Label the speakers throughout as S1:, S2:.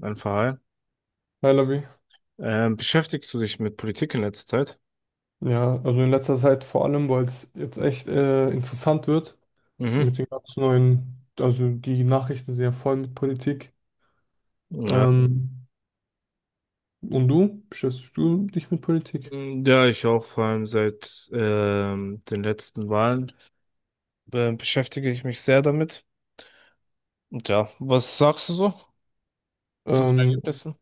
S1: Ein Verein.
S2: Hi Labi.
S1: Beschäftigst du dich mit Politik in letzter Zeit?
S2: Ja, also in letzter Zeit vor allem, weil es jetzt echt interessant wird
S1: Mhm.
S2: mit den ganz neuen, also die Nachrichten sind ja voll mit Politik.
S1: Ja.
S2: Ähm, und du, beschäftigst du dich mit Politik?
S1: Ja, ich auch, vor allem seit den letzten Wahlen beschäftige ich mich sehr damit. Und ja, was sagst du so zu den
S2: Ähm,
S1: Ergebnissen?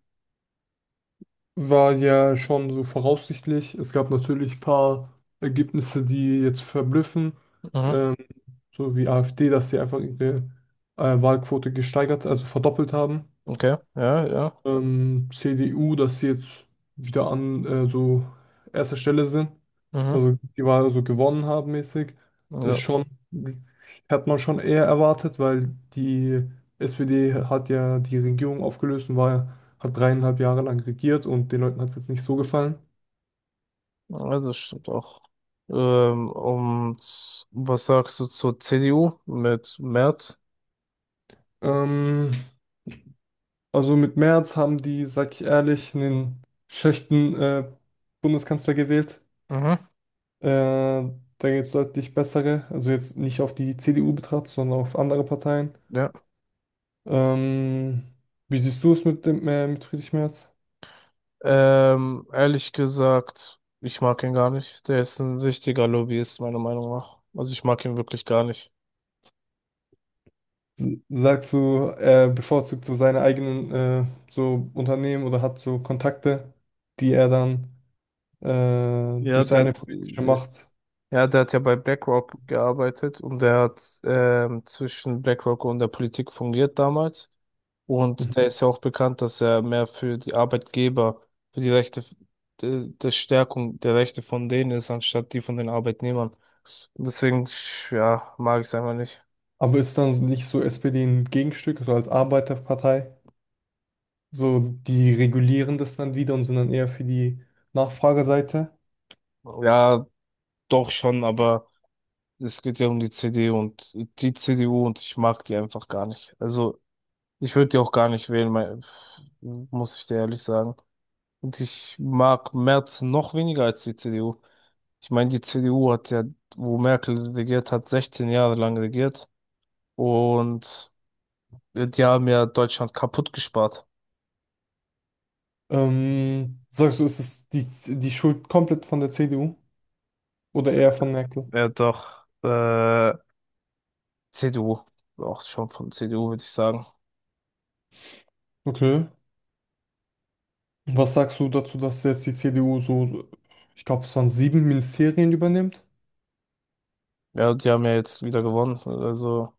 S2: war ja schon so voraussichtlich. Es gab natürlich ein paar Ergebnisse, die jetzt verblüffen,
S1: Mhm.
S2: ähm, so wie AfD, dass sie einfach ihre Wahlquote gesteigert, also verdoppelt haben.
S1: Okay, ja, ja.
S2: CDU, dass sie jetzt wieder an so erster Stelle sind.
S1: Mhm.
S2: Also die Wahl so gewonnen haben mäßig.
S1: Ja,
S2: Ist schon, hat man schon eher erwartet, weil die SPD hat ja die Regierung aufgelöst und war, hat 3,5 Jahre lang regiert und den Leuten hat es jetzt nicht so gefallen.
S1: also das stimmt auch. Und was sagst du zur CDU mit Merz?
S2: Ähm, also mit Merz haben die, sag ich ehrlich, einen schlechten Bundeskanzler gewählt.
S1: Mhm.
S2: Da gibt es deutlich bessere, also jetzt nicht auf die CDU betrachtet, sondern auf andere Parteien.
S1: Ja.
S2: Ähm, wie siehst du es mit Friedrich Merz?
S1: Ehrlich gesagt, ich mag ihn gar nicht. Der ist ein richtiger Lobbyist, meiner Meinung nach. Also ich mag ihn wirklich gar nicht.
S2: Sagst du, er bevorzugt so seine eigenen so Unternehmen oder hat so Kontakte, die er dann
S1: Ja,
S2: durch
S1: der
S2: seine
S1: hat,
S2: politische Macht.
S1: ja, der hat ja bei BlackRock gearbeitet und der hat zwischen BlackRock und der Politik fungiert damals. Und der
S2: Mhm.
S1: ist ja auch bekannt, dass er mehr für die Arbeitgeber, für die Rechte, der Stärkung der Rechte von denen ist, anstatt die von den Arbeitnehmern. Und deswegen, ja, mag ich es einfach nicht.
S2: Aber ist dann nicht so SPD ein Gegenstück, so als Arbeiterpartei? So, die regulieren das dann wieder und sind dann eher für die Nachfrageseite.
S1: Ja, doch schon, aber es geht ja um die CD und die CDU und ich mag die einfach gar nicht. Also ich würde die auch gar nicht wählen, mein, muss ich dir ehrlich sagen. Und ich mag Merz noch weniger als die CDU. Ich meine, die CDU hat ja, wo Merkel regiert hat, 16 Jahre lang regiert und die haben ja Deutschland kaputt gespart.
S2: Sagst du, ist es die Schuld komplett von der CDU oder eher von Merkel?
S1: Ja, doch, CDU, auch schon von CDU würde ich sagen.
S2: Okay. Was sagst du dazu, dass jetzt die CDU so, ich glaube, es waren sieben Ministerien übernimmt?
S1: Ja, die haben ja jetzt wieder gewonnen, also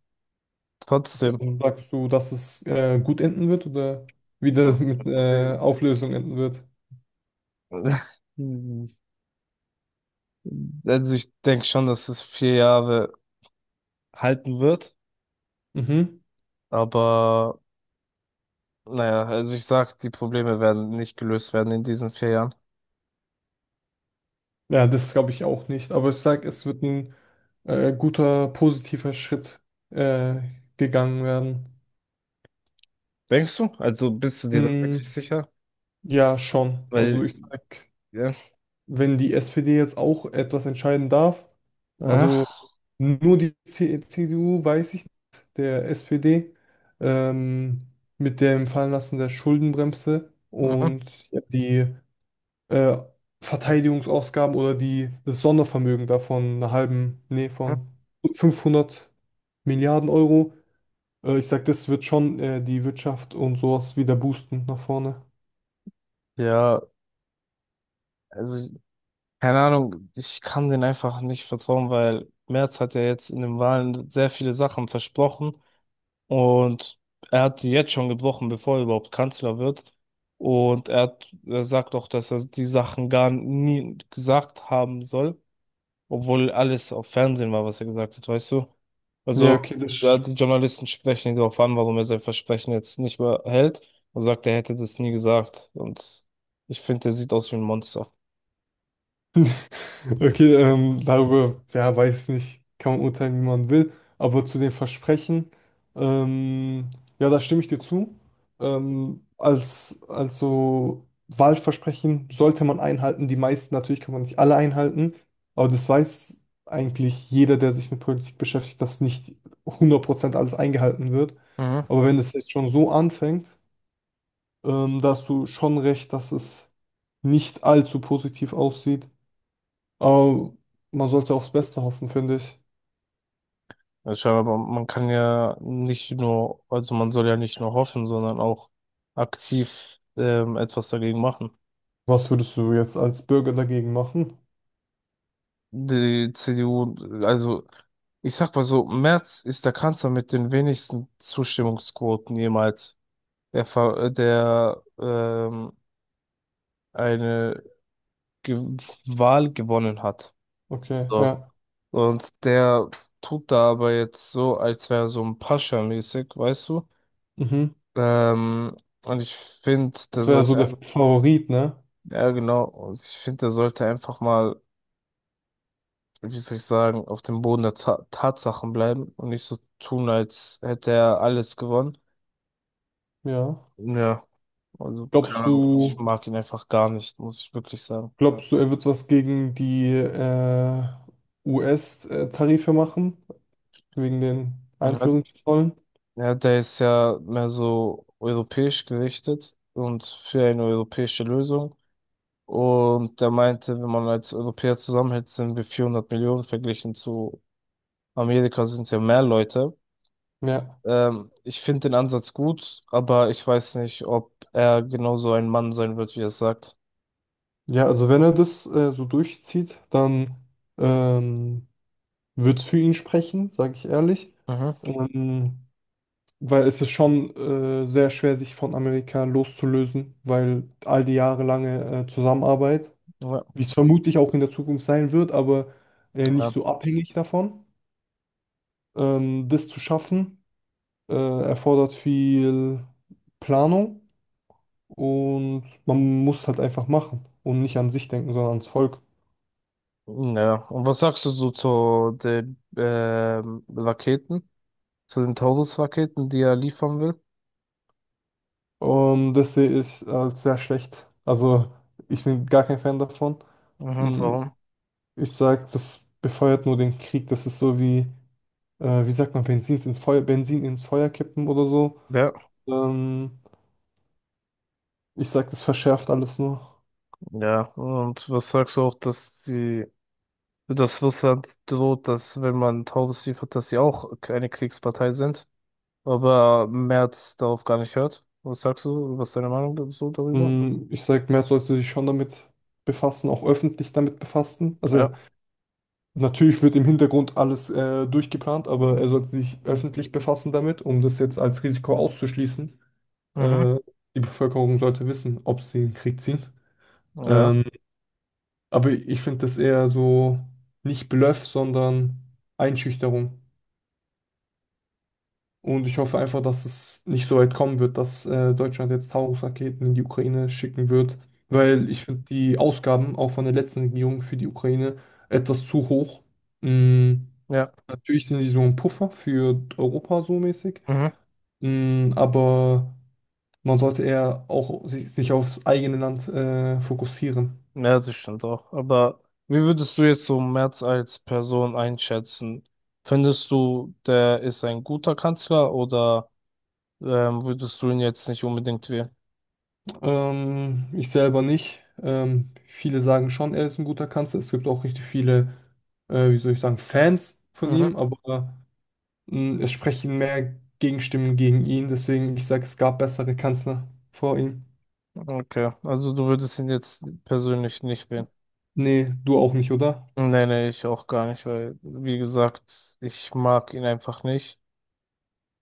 S1: trotzdem.
S2: Also sagst du, dass es gut enden wird oder wieder mit Auflösung enden wird?
S1: Also ich denke schon, dass es 4 Jahre halten wird,
S2: Mhm.
S1: aber naja, also ich sag, die Probleme werden nicht gelöst werden in diesen 4 Jahren.
S2: Ja, das glaube ich auch nicht. Aber ich sage, es wird ein guter, positiver Schritt äh, gegangen werden.
S1: Denkst du? Also bist du dir da wirklich
S2: Mm,
S1: sicher?
S2: ja, schon. Also
S1: Weil,
S2: ich sag,
S1: ja.
S2: wenn die SPD jetzt auch etwas entscheiden darf, also
S1: Aha.
S2: nur die CDU, weiß ich, nicht, der SPD, ähm, mit dem Fallenlassen der Schuldenbremse
S1: Mhm.
S2: und ja, die äh, Verteidigungsausgaben oder das Sondervermögen davon, einer halben, nee,
S1: Mhm.
S2: von 500 Milliarden Euro. Ich sag, das wird schon die Wirtschaft und sowas wieder boosten nach vorne.
S1: Ja, also keine Ahnung, ich kann denen einfach nicht vertrauen, weil Merz hat ja jetzt in den Wahlen sehr viele Sachen versprochen. Und er hat die jetzt schon gebrochen, bevor er überhaupt Kanzler wird. Und er hat, er sagt auch, dass er die Sachen gar nie gesagt haben soll, obwohl alles auf Fernsehen war, was er gesagt hat, weißt du?
S2: Ja,
S1: Also,
S2: okay,
S1: ja,
S2: das
S1: die Journalisten sprechen ihn darauf an, warum er sein Versprechen jetzt nicht mehr hält und sagt, er hätte das nie gesagt. Und ich finde, er sieht aus wie ein Monster.
S2: Okay, darüber, ja, weiß nicht, kann man urteilen, wie man will, aber zu den Versprechen, ähm, ja, da stimme ich dir zu. Also Wahlversprechen sollte man einhalten, die meisten natürlich kann man nicht alle einhalten, aber das weiß eigentlich jeder, der sich mit Politik beschäftigt, dass nicht 100% alles eingehalten wird.
S1: Mhm.
S2: Aber wenn es jetzt schon so anfängt, da hast du schon recht, dass es nicht allzu positiv aussieht. Aber man sollte aufs Beste hoffen, finde ich.
S1: Ja, scheinbar, man kann ja nicht nur, also man soll ja nicht nur hoffen, sondern auch aktiv etwas dagegen machen.
S2: Was würdest du jetzt als Bürger dagegen machen?
S1: Die CDU, also ich sag mal so, Merz ist der Kanzler mit den wenigsten Zustimmungsquoten jemals, der eine Ge Wahl gewonnen hat.
S2: Okay,
S1: So.
S2: ja.
S1: Und der tut da aber jetzt so, als wäre er so ein Pascha-mäßig, weißt du?
S2: Mhm.
S1: Ähm, und ich finde,
S2: Das wäre ja so der Favorit, ne?
S1: ja genau, und ich finde, der sollte einfach mal, wie soll ich sagen, auf dem Boden der Ta Tatsachen bleiben und nicht so tun, als hätte er alles gewonnen.
S2: Ja.
S1: Ja, also
S2: Glaubst
S1: keine Ahnung, ich
S2: du,
S1: mag ihn einfach gar nicht, muss ich wirklich sagen.
S2: glaubst du, er wird was gegen die US-Tarife machen? Wegen den
S1: Ja,
S2: Einführungszollen?
S1: ja, der ist ja mehr so europäisch gerichtet und für eine europäische Lösung. Und der meinte, wenn man als Europäer zusammenhält, sind wir 400 Millionen, verglichen zu Amerika sind es ja mehr Leute.
S2: Ja.
S1: Ich finde den Ansatz gut, aber ich weiß nicht, ob er genauso ein Mann sein wird, wie er es sagt.
S2: Ja, also wenn er das so durchzieht, dann ähm, wird es für ihn sprechen, sage ich ehrlich.
S1: Mhm.
S2: Ähm, Weil es ist schon sehr schwer, sich von Amerika loszulösen, weil all die jahrelange Zusammenarbeit,
S1: Ja.
S2: wie es vermutlich auch in der Zukunft sein wird, aber
S1: Ja.
S2: nicht
S1: Ja.
S2: so abhängig davon, das zu schaffen, erfordert viel Planung und man muss halt einfach machen und nicht an sich denken, sondern ans Volk.
S1: Ja. Und was sagst du so zu den Raketen, zu den Taurus-Raketen, die er liefern will?
S2: Und das sehe ich als sehr schlecht. Also ich bin gar kein Fan davon.
S1: Mhm,
S2: Mm,
S1: warum?
S2: Ich sage, das befeuert nur den Krieg. Das ist so wie wie sagt man, Benzins ins Feuer, Benzin ins Feuer kippen oder so.
S1: Ja,
S2: Ähm, ich sag, das verschärft alles nur.
S1: ja. Und was sagst du auch, dass die, dass Russland droht, dass wenn man Taurus liefert, dass sie auch eine Kriegspartei sind, aber Merz darauf gar nicht hört? Was sagst du? Was ist deine Meinung so darüber?
S2: Ich sag, mehr sollte sich schon damit befassen, auch öffentlich damit befassen.
S1: Ja.
S2: Also natürlich wird im Hintergrund alles durchgeplant, aber er sollte sich öffentlich befassen damit, um das jetzt als Risiko auszuschließen.
S1: Mhm.
S2: Äh, die Bevölkerung sollte wissen, ob sie in den Krieg ziehen.
S1: Ja.
S2: Ähm, aber ich finde das eher so nicht Bluff, sondern Einschüchterung. Und ich hoffe einfach, dass es nicht so weit kommen wird, dass Deutschland jetzt Taurus-Raketen in die Ukraine schicken wird, weil ich finde die Ausgaben auch von der letzten Regierung für die Ukraine etwas zu hoch. Mm,
S1: Ja.
S2: natürlich sind sie so ein Puffer für Europa so mäßig,
S1: Mhm.
S2: aber man sollte eher auch sich aufs eigene Land fokussieren.
S1: Ja, das stimmt auch. Aber wie würdest du jetzt so Merz als Person einschätzen? Findest du, der ist ein guter Kanzler oder würdest du ihn jetzt nicht unbedingt wählen?
S2: Ich selber nicht. Viele sagen schon, er ist ein guter Kanzler. Es gibt auch richtig viele wie soll ich sagen, Fans von
S1: Mhm.
S2: ihm, aber es sprechen mehr Gegenstimmen gegen ihn, deswegen ich sage, es gab bessere Kanzler vor ihm.
S1: Okay, also du würdest ihn jetzt persönlich nicht wählen.
S2: Nee, du auch nicht, oder?
S1: Nee, nee, ich auch gar nicht, weil, wie gesagt, ich mag ihn einfach nicht.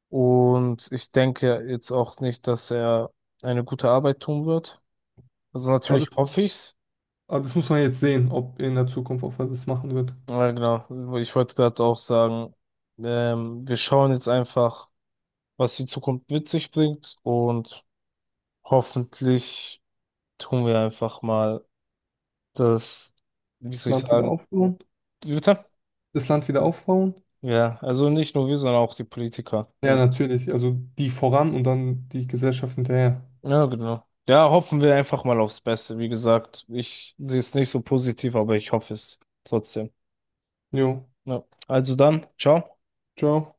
S1: Und ich denke jetzt auch nicht, dass er eine gute Arbeit tun wird. Also
S2: Aber das,
S1: natürlich hoffe ich's.
S2: aber das muss man jetzt sehen, ob in der Zukunft, ob er das machen wird.
S1: Ja, genau. Ich wollte gerade auch sagen, wir schauen jetzt einfach, was die Zukunft mit sich bringt und hoffentlich tun wir einfach mal das, wie soll ich
S2: Land wieder
S1: sagen.
S2: aufbauen?
S1: Wie bitte?
S2: Das Land wieder aufbauen?
S1: Ja, also nicht nur wir, sondern auch die Politiker.
S2: Ja,
S1: Also,
S2: natürlich. Also die voran und dann die Gesellschaft hinterher.
S1: ja, genau. Ja, hoffen wir einfach mal aufs Beste. Wie gesagt, ich sehe es nicht so positiv, aber ich hoffe es trotzdem.
S2: Jo,
S1: Ja. Also dann, ciao.
S2: ciao.